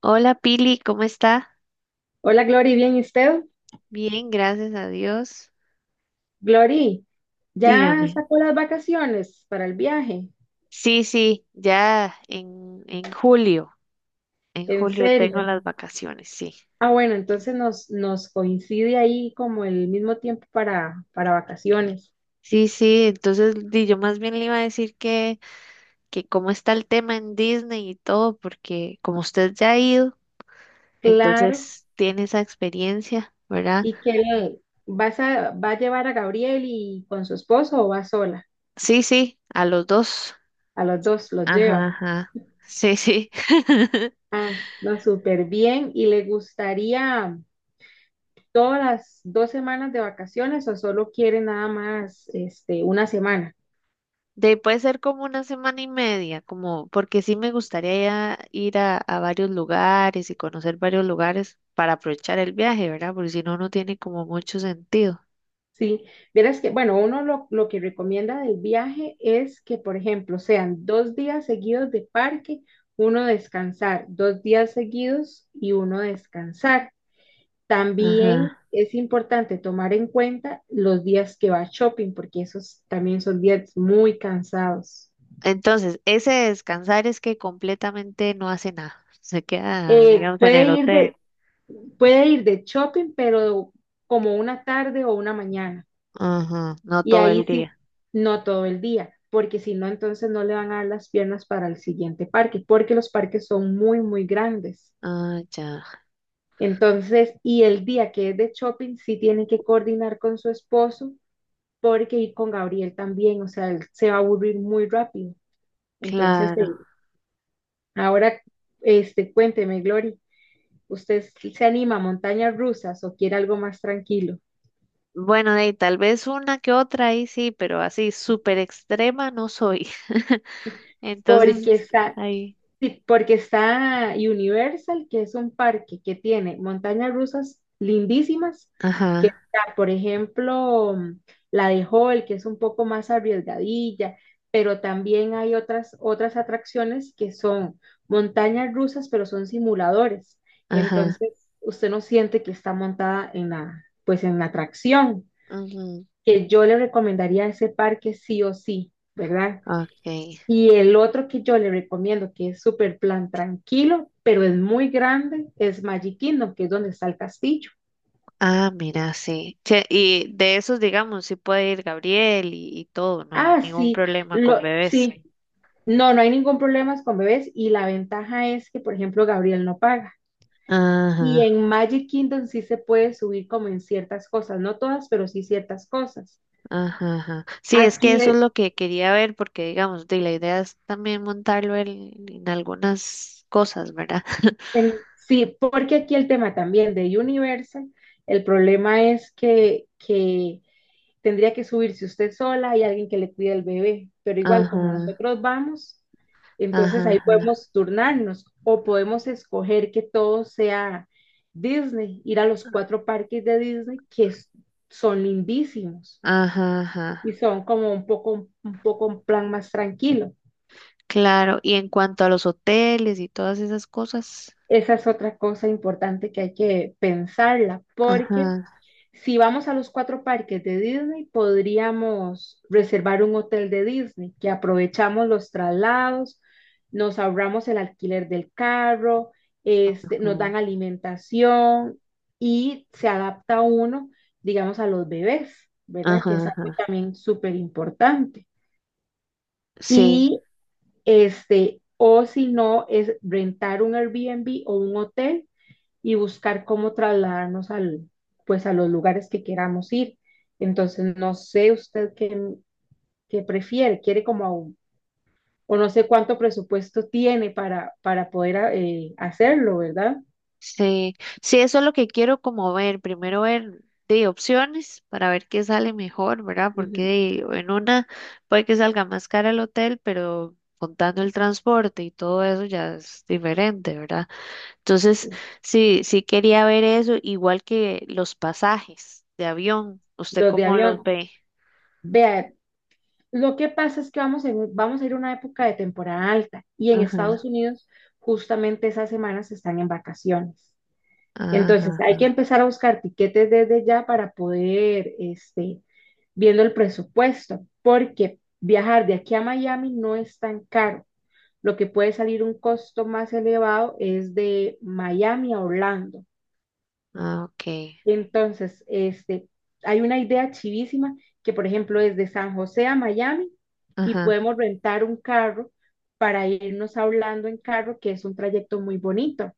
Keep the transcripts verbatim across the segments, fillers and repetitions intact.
Hola Pili, ¿cómo está? Hola, Glory, ¿bien y usted? Bien, gracias a Dios. Glory, ¿ya Dígame. sacó las vacaciones para el viaje? Sí, sí, ya en, en julio, en ¿En julio tengo serio? las vacaciones, sí. Ah, bueno, entonces nos, nos coincide ahí como el mismo tiempo para, para vacaciones. Sí, sí, entonces di, yo más bien le iba a decir que, que cómo está el tema en Disney y todo, porque como usted ya ha ido, Claro. entonces tiene esa experiencia, ¿verdad? ¿Y qué? ¿Vas a, va a llevar a Gabriel y con su esposo o va sola? Sí, sí, a los dos. A los dos los Ajá, lleva. ajá. Sí, sí. Ah, no, súper bien. ¿Y le gustaría todas las dos semanas de vacaciones o solo quiere nada más este, una semana? De, puede ser como una semana y media, como porque sí me gustaría ir a, a varios lugares y conocer varios lugares para aprovechar el viaje, ¿verdad? Porque si no, no tiene como mucho sentido. Sí, verás que, bueno, uno lo, lo que recomienda del viaje es que, por ejemplo, sean dos días seguidos de parque, uno descansar, dos días seguidos y uno descansar. También Ajá. es importante tomar en cuenta los días que va shopping, porque esos también son días muy cansados. Entonces, ese descansar es que completamente no hace nada. Se queda, Eh, digamos, en puede el ir hotel. de, Puede ir de shopping, pero como una tarde o una mañana. Ajá, no Y todo ahí el sí, día. no todo el día, porque si no, entonces no le van a dar las piernas para el siguiente parque, porque los parques son muy, muy grandes. Ah, ya, Entonces, y el día que es de shopping, sí tiene que coordinar con su esposo, porque ir con Gabriel también, o sea, él se va a aburrir muy rápido. Entonces, claro. eh, ahora, este, cuénteme, Glory, ¿usted se anima a montañas rusas o quiere algo más tranquilo? Bueno, de ahí tal vez una que otra ahí sí, pero así súper extrema no soy. Porque Entonces, está, ahí. Sí, porque está Universal, que es un parque que tiene montañas rusas lindísimas, que Ajá. está, por ejemplo, mm, la de Hall, que es un poco más arriesgadilla, pero también hay otras, otras atracciones que son montañas rusas, pero son simuladores. Ajá. Entonces, usted no siente que está montada en la, pues en la atracción, Ujú. que yo le recomendaría ese parque sí o sí, ¿verdad? Okay. Y el otro que yo le recomiendo, que es súper plan tranquilo, pero es muy grande, es Magic Kingdom, que es donde está el castillo. Ah, mira, sí. Che, y de esos, digamos, sí puede ir Gabriel y, y todo, no hay Ah, ningún sí, problema lo, con bebés. sí, no, no hay ningún problema con bebés y la ventaja es que, por ejemplo, Gabriel no paga. Y Ajá, en Magic Kingdom sí se puede subir como en ciertas cosas, no todas, pero sí ciertas cosas. ajá, ajá. Sí, es que Aquí, eso es eh, lo que quería ver, porque digamos, de la idea es también montarlo en, en algunas cosas, ¿verdad? en- sí, porque aquí el tema también de Universal, el problema es que, que tendría que subirse usted sola y alguien que le cuide el bebé, pero igual como Ajá, nosotros vamos, entonces ajá, ahí ajá, podemos turnarnos o podemos escoger que todo sea Disney, ir a los cuatro parques de Disney que es- son lindísimos ajá, y ajá. son como un poco, un poco un plan más tranquilo. Claro, y en cuanto a los hoteles y todas esas cosas, Esa es otra cosa importante que hay que pensarla, porque ajá, si vamos a los cuatro parques de Disney, podríamos reservar un hotel de Disney, que aprovechamos los traslados, nos ahorramos el alquiler del carro, este, nos ajá, dan alimentación y se adapta uno, digamos, a los bebés, ¿verdad? Que ajá, es algo ajá. también súper importante. Sí. Y este, o si no, es rentar un Airbnb o un hotel y buscar cómo trasladarnos al, pues a los lugares que queramos ir. Entonces, no sé usted qué, qué prefiere, quiere como a un- o no sé cuánto presupuesto tiene para, para poder a- eh, hacerlo, ¿verdad? Sí, sí, eso es lo que quiero como ver, primero ver de opciones para ver qué sale mejor, ¿verdad? Porque Ujú. de- en una puede que salga más cara el hotel, pero contando el transporte y todo eso ya es diferente, ¿verdad? Entonces, sí, sí quería ver eso, igual que los pasajes de avión, ¿usted Los de cómo los avión. ve? Vea, lo que pasa es que vamos, en- vamos a ir a una época de temporada alta y en Estados Ajá, Unidos justamente esas semanas están en vacaciones. ajá, Entonces, hay que ajá, empezar a buscar tiquetes desde ya para poder, este, viendo el presupuesto, porque viajar de aquí a Miami no es tan caro. Lo que puede salir un costo más elevado es de Miami a Orlando. ah, ok, Entonces, este, hay una idea chivísima que, por ejemplo, es de San José a Miami y ajá, podemos rentar un carro para irnos a Orlando en carro, que es un trayecto muy bonito.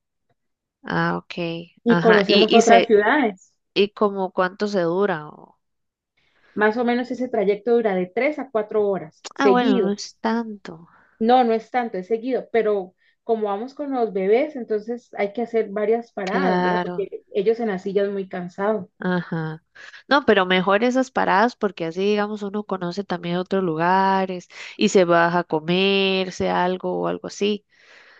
ah, ok, Y ajá, y, conocemos y otras se, ciudades. y como cuánto se dura. Más o menos ese trayecto dura de tres a cuatro horas, Ah, bueno, no seguido. es tanto. No, no es tanto, es seguido, pero como vamos con los bebés, entonces hay que hacer varias paradas, ¿verdad? Claro. Porque ellos en las sillas muy cansados. Ajá. No, pero mejor esas paradas porque así, digamos, uno conoce también otros lugares y se baja a comerse algo o algo así.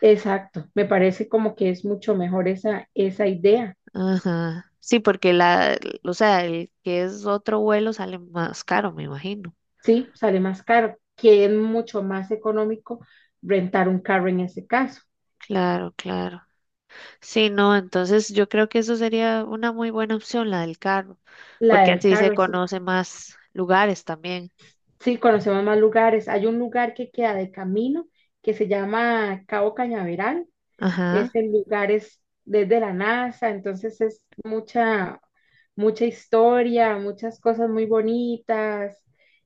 Exacto, me parece como que es mucho mejor esa, esa idea, Ajá. Sí, porque la, o sea, el que es otro vuelo sale más caro, me imagino. ¿sí? Sale más caro, que es mucho más económico rentar un carro en ese caso. Claro, claro. Sí, no, entonces yo creo que eso sería una muy buena opción, la del carro, La porque del así se carro, sí. conoce más lugares también. Sí, conocemos más lugares. Hay un lugar que queda de camino que se llama Cabo Cañaveral, es Ajá. en lugares desde la NASA, entonces es mucha, mucha historia, muchas cosas muy bonitas,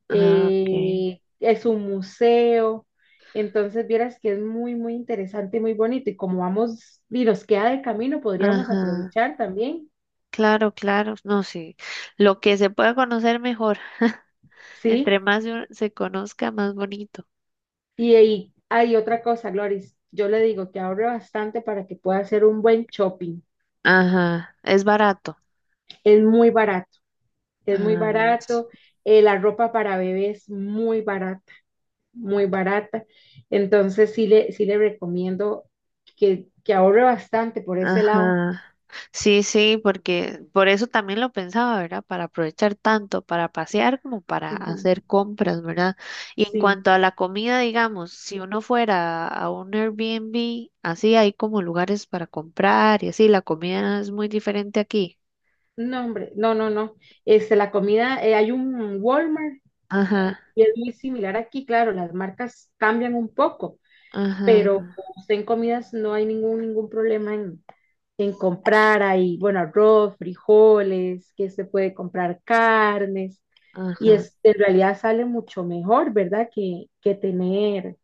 Ah, ok. eh, es un museo, entonces vieras que es muy, muy interesante y muy bonito, y como vamos y nos queda de camino, podríamos Ajá. aprovechar también, Claro, claro, no, sí. Lo que se pueda conocer mejor. Entre ¿sí? más se uno- se conozca, más bonito. Y ahí hay otra cosa, Gloris, yo le digo que ahorre bastante para que pueda hacer un buen shopping, Ajá, es barato. es muy barato, A es muy ver. barato, eh, la ropa para bebés es muy barata muy barata. Entonces sí le, sí le recomiendo que, que ahorre bastante por ese lado. Ajá. Sí, sí, porque por eso también lo pensaba, ¿verdad? Para aprovechar tanto para pasear como para Ujú, hacer compras, ¿verdad? Y en sí, cuanto a la comida, digamos, si uno fuera a un Airbnb, así hay como lugares para comprar y así, la comida es muy diferente aquí. no, hombre, no, no, no. Este, la comida, eh, hay un Walmart Ajá, y es muy similar aquí, claro, las marcas cambian un poco, ajá, pero ajá. usted en comidas no hay ningún, ningún problema en, en comprar ahí, bueno, arroz, frijoles, que se puede comprar carnes, y Ajá. es, en realidad sale mucho mejor, ¿verdad? Que, que tener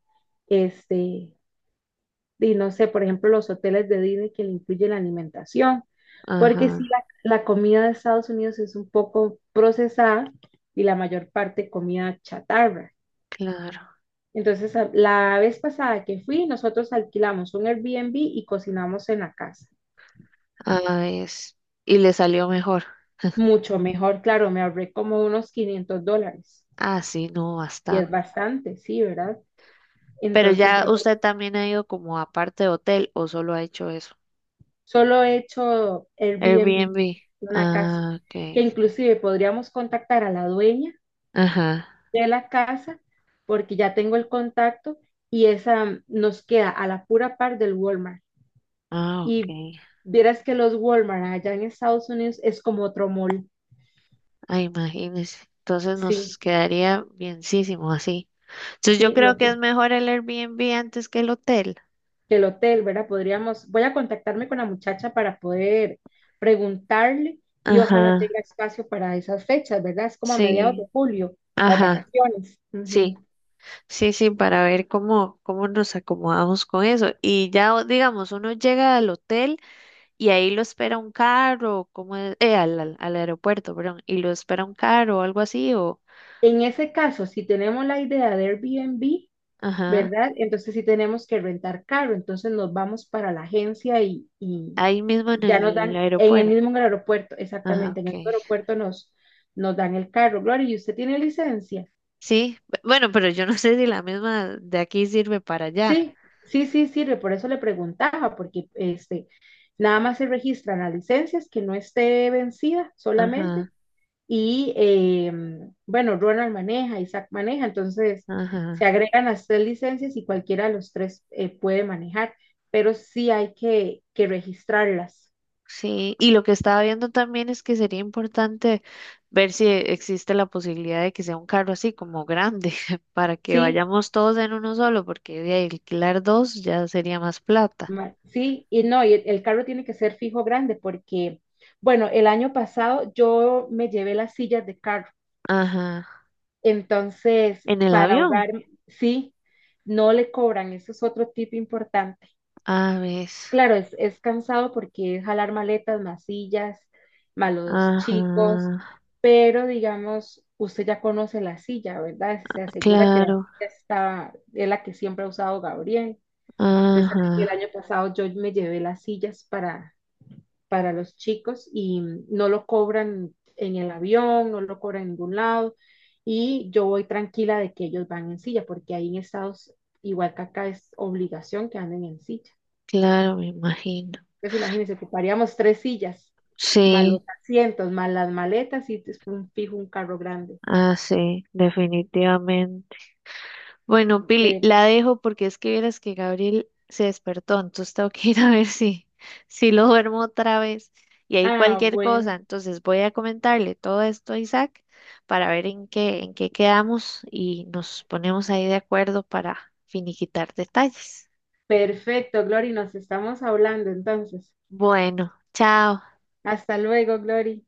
este, y no sé, por ejemplo, los hoteles de Disney que le incluye la alimentación, porque sí, Ajá, la, la comida de Estados Unidos es un poco procesada y la mayor parte comida chatarra. claro. Entonces, a- la vez pasada que fui, nosotros alquilamos un Airbnb y cocinamos en la casa. Ah, es. Y le salió mejor. Mucho mejor, claro, me ahorré como unos quinientos dólares Ah, sí, no, y es bastante. bastante, sí, ¿verdad? Pero Entonces ya yo usted también ha ido como aparte de hotel o solo ha hecho eso. solo he hecho Airbnb, Airbnb. una casa, Ah, ok. que inclusive podríamos contactar a la dueña Ajá. de la casa, porque ya tengo el contacto y esa nos queda a la pura par del Walmart. Ah, ok. Y vieras que los Walmart allá en Estados Unidos es como otro mall. Ah, imagínese. Entonces nos Sí, quedaría bienísimo así. Entonces yo sí, creo no, que es que mejor el Airbnb antes que el hotel. el hotel, ¿verdad? Podríamos, voy a contactarme con la muchacha para poder preguntarle y Ajá. ojalá tenga espacio para esas fechas, ¿verdad? Es como a mediados de Sí. julio, las Ajá. vacaciones. Sí. Sí, sí, para ver cómo, cómo nos acomodamos con eso. Y ya, o- digamos, uno llega al hotel y ahí lo espera un carro, como es, eh, al, al, al aeropuerto, perdón, y lo espera un carro o algo así, o, En ese caso, si tenemos la idea de Airbnb, ajá, ¿verdad? Entonces sí tenemos que rentar carro, entonces nos vamos para la agencia y, y ahí mismo en ya nos el dan, en el aeropuerto. mismo aeropuerto, Ajá, exactamente, en el ok. aeropuerto nos, nos dan el carro. Gloria, ¿y usted tiene licencia? Sí, bu- bueno, pero yo no sé si la misma de aquí sirve para allá. Sí, sí, sí, sirve, por eso le preguntaba, porque este, nada más se registran las licencias que no esté vencida solamente. Ajá, Y eh, bueno, Ronald maneja, Isaac maneja, entonces se ajá. agregan las tres licencias y cualquiera de los tres eh, puede manejar, pero sí hay que, que registrarlas, Sí, y lo que estaba viendo también es que sería importante ver si existe la posibilidad de que sea un carro así como grande, para que ¿sí? vayamos todos en uno solo, porque de alquilar dos ya sería más plata. ma- Sí, y no, y el, el carro tiene que ser fijo grande porque, bueno, el año pasado yo me llevé las sillas de carro, Ajá. entonces En el para avión. ahorrar, sí, no le cobran, eso es otro tip importante. A ves. Claro, es, es cansado porque es jalar maletas, más sillas, más los chicos, Ajá. pero digamos, usted ya conoce la silla, ¿verdad? Se asegura que la silla Claro. está, es la que siempre ha usado Gabriel. Entonces, el Ajá. año pasado yo me llevé las sillas para, para los chicos y no lo cobran en el avión, no lo cobran en ningún lado y yo voy tranquila de que ellos van en silla porque ahí en Estados, igual que acá, es obligación que anden en silla. Claro, me imagino. Entonces imagínense, ocuparíamos tres sillas, más los Sí. asientos, más las maletas y después un fijo un carro grande. Ah, sí, definitivamente. Bueno, Pili, Pero- la dejo porque es que vieras que Gabriel se despertó, entonces tengo que ir a ver si, si lo duermo otra vez. Y ahí ah, cualquier cosa, bueno, entonces voy a comentarle todo esto a Isaac para ver en qué, en qué quedamos y nos ponemos ahí de acuerdo para finiquitar detalles. perfecto, Glory, nos estamos hablando entonces. Bueno, chao. Hasta luego, Glory.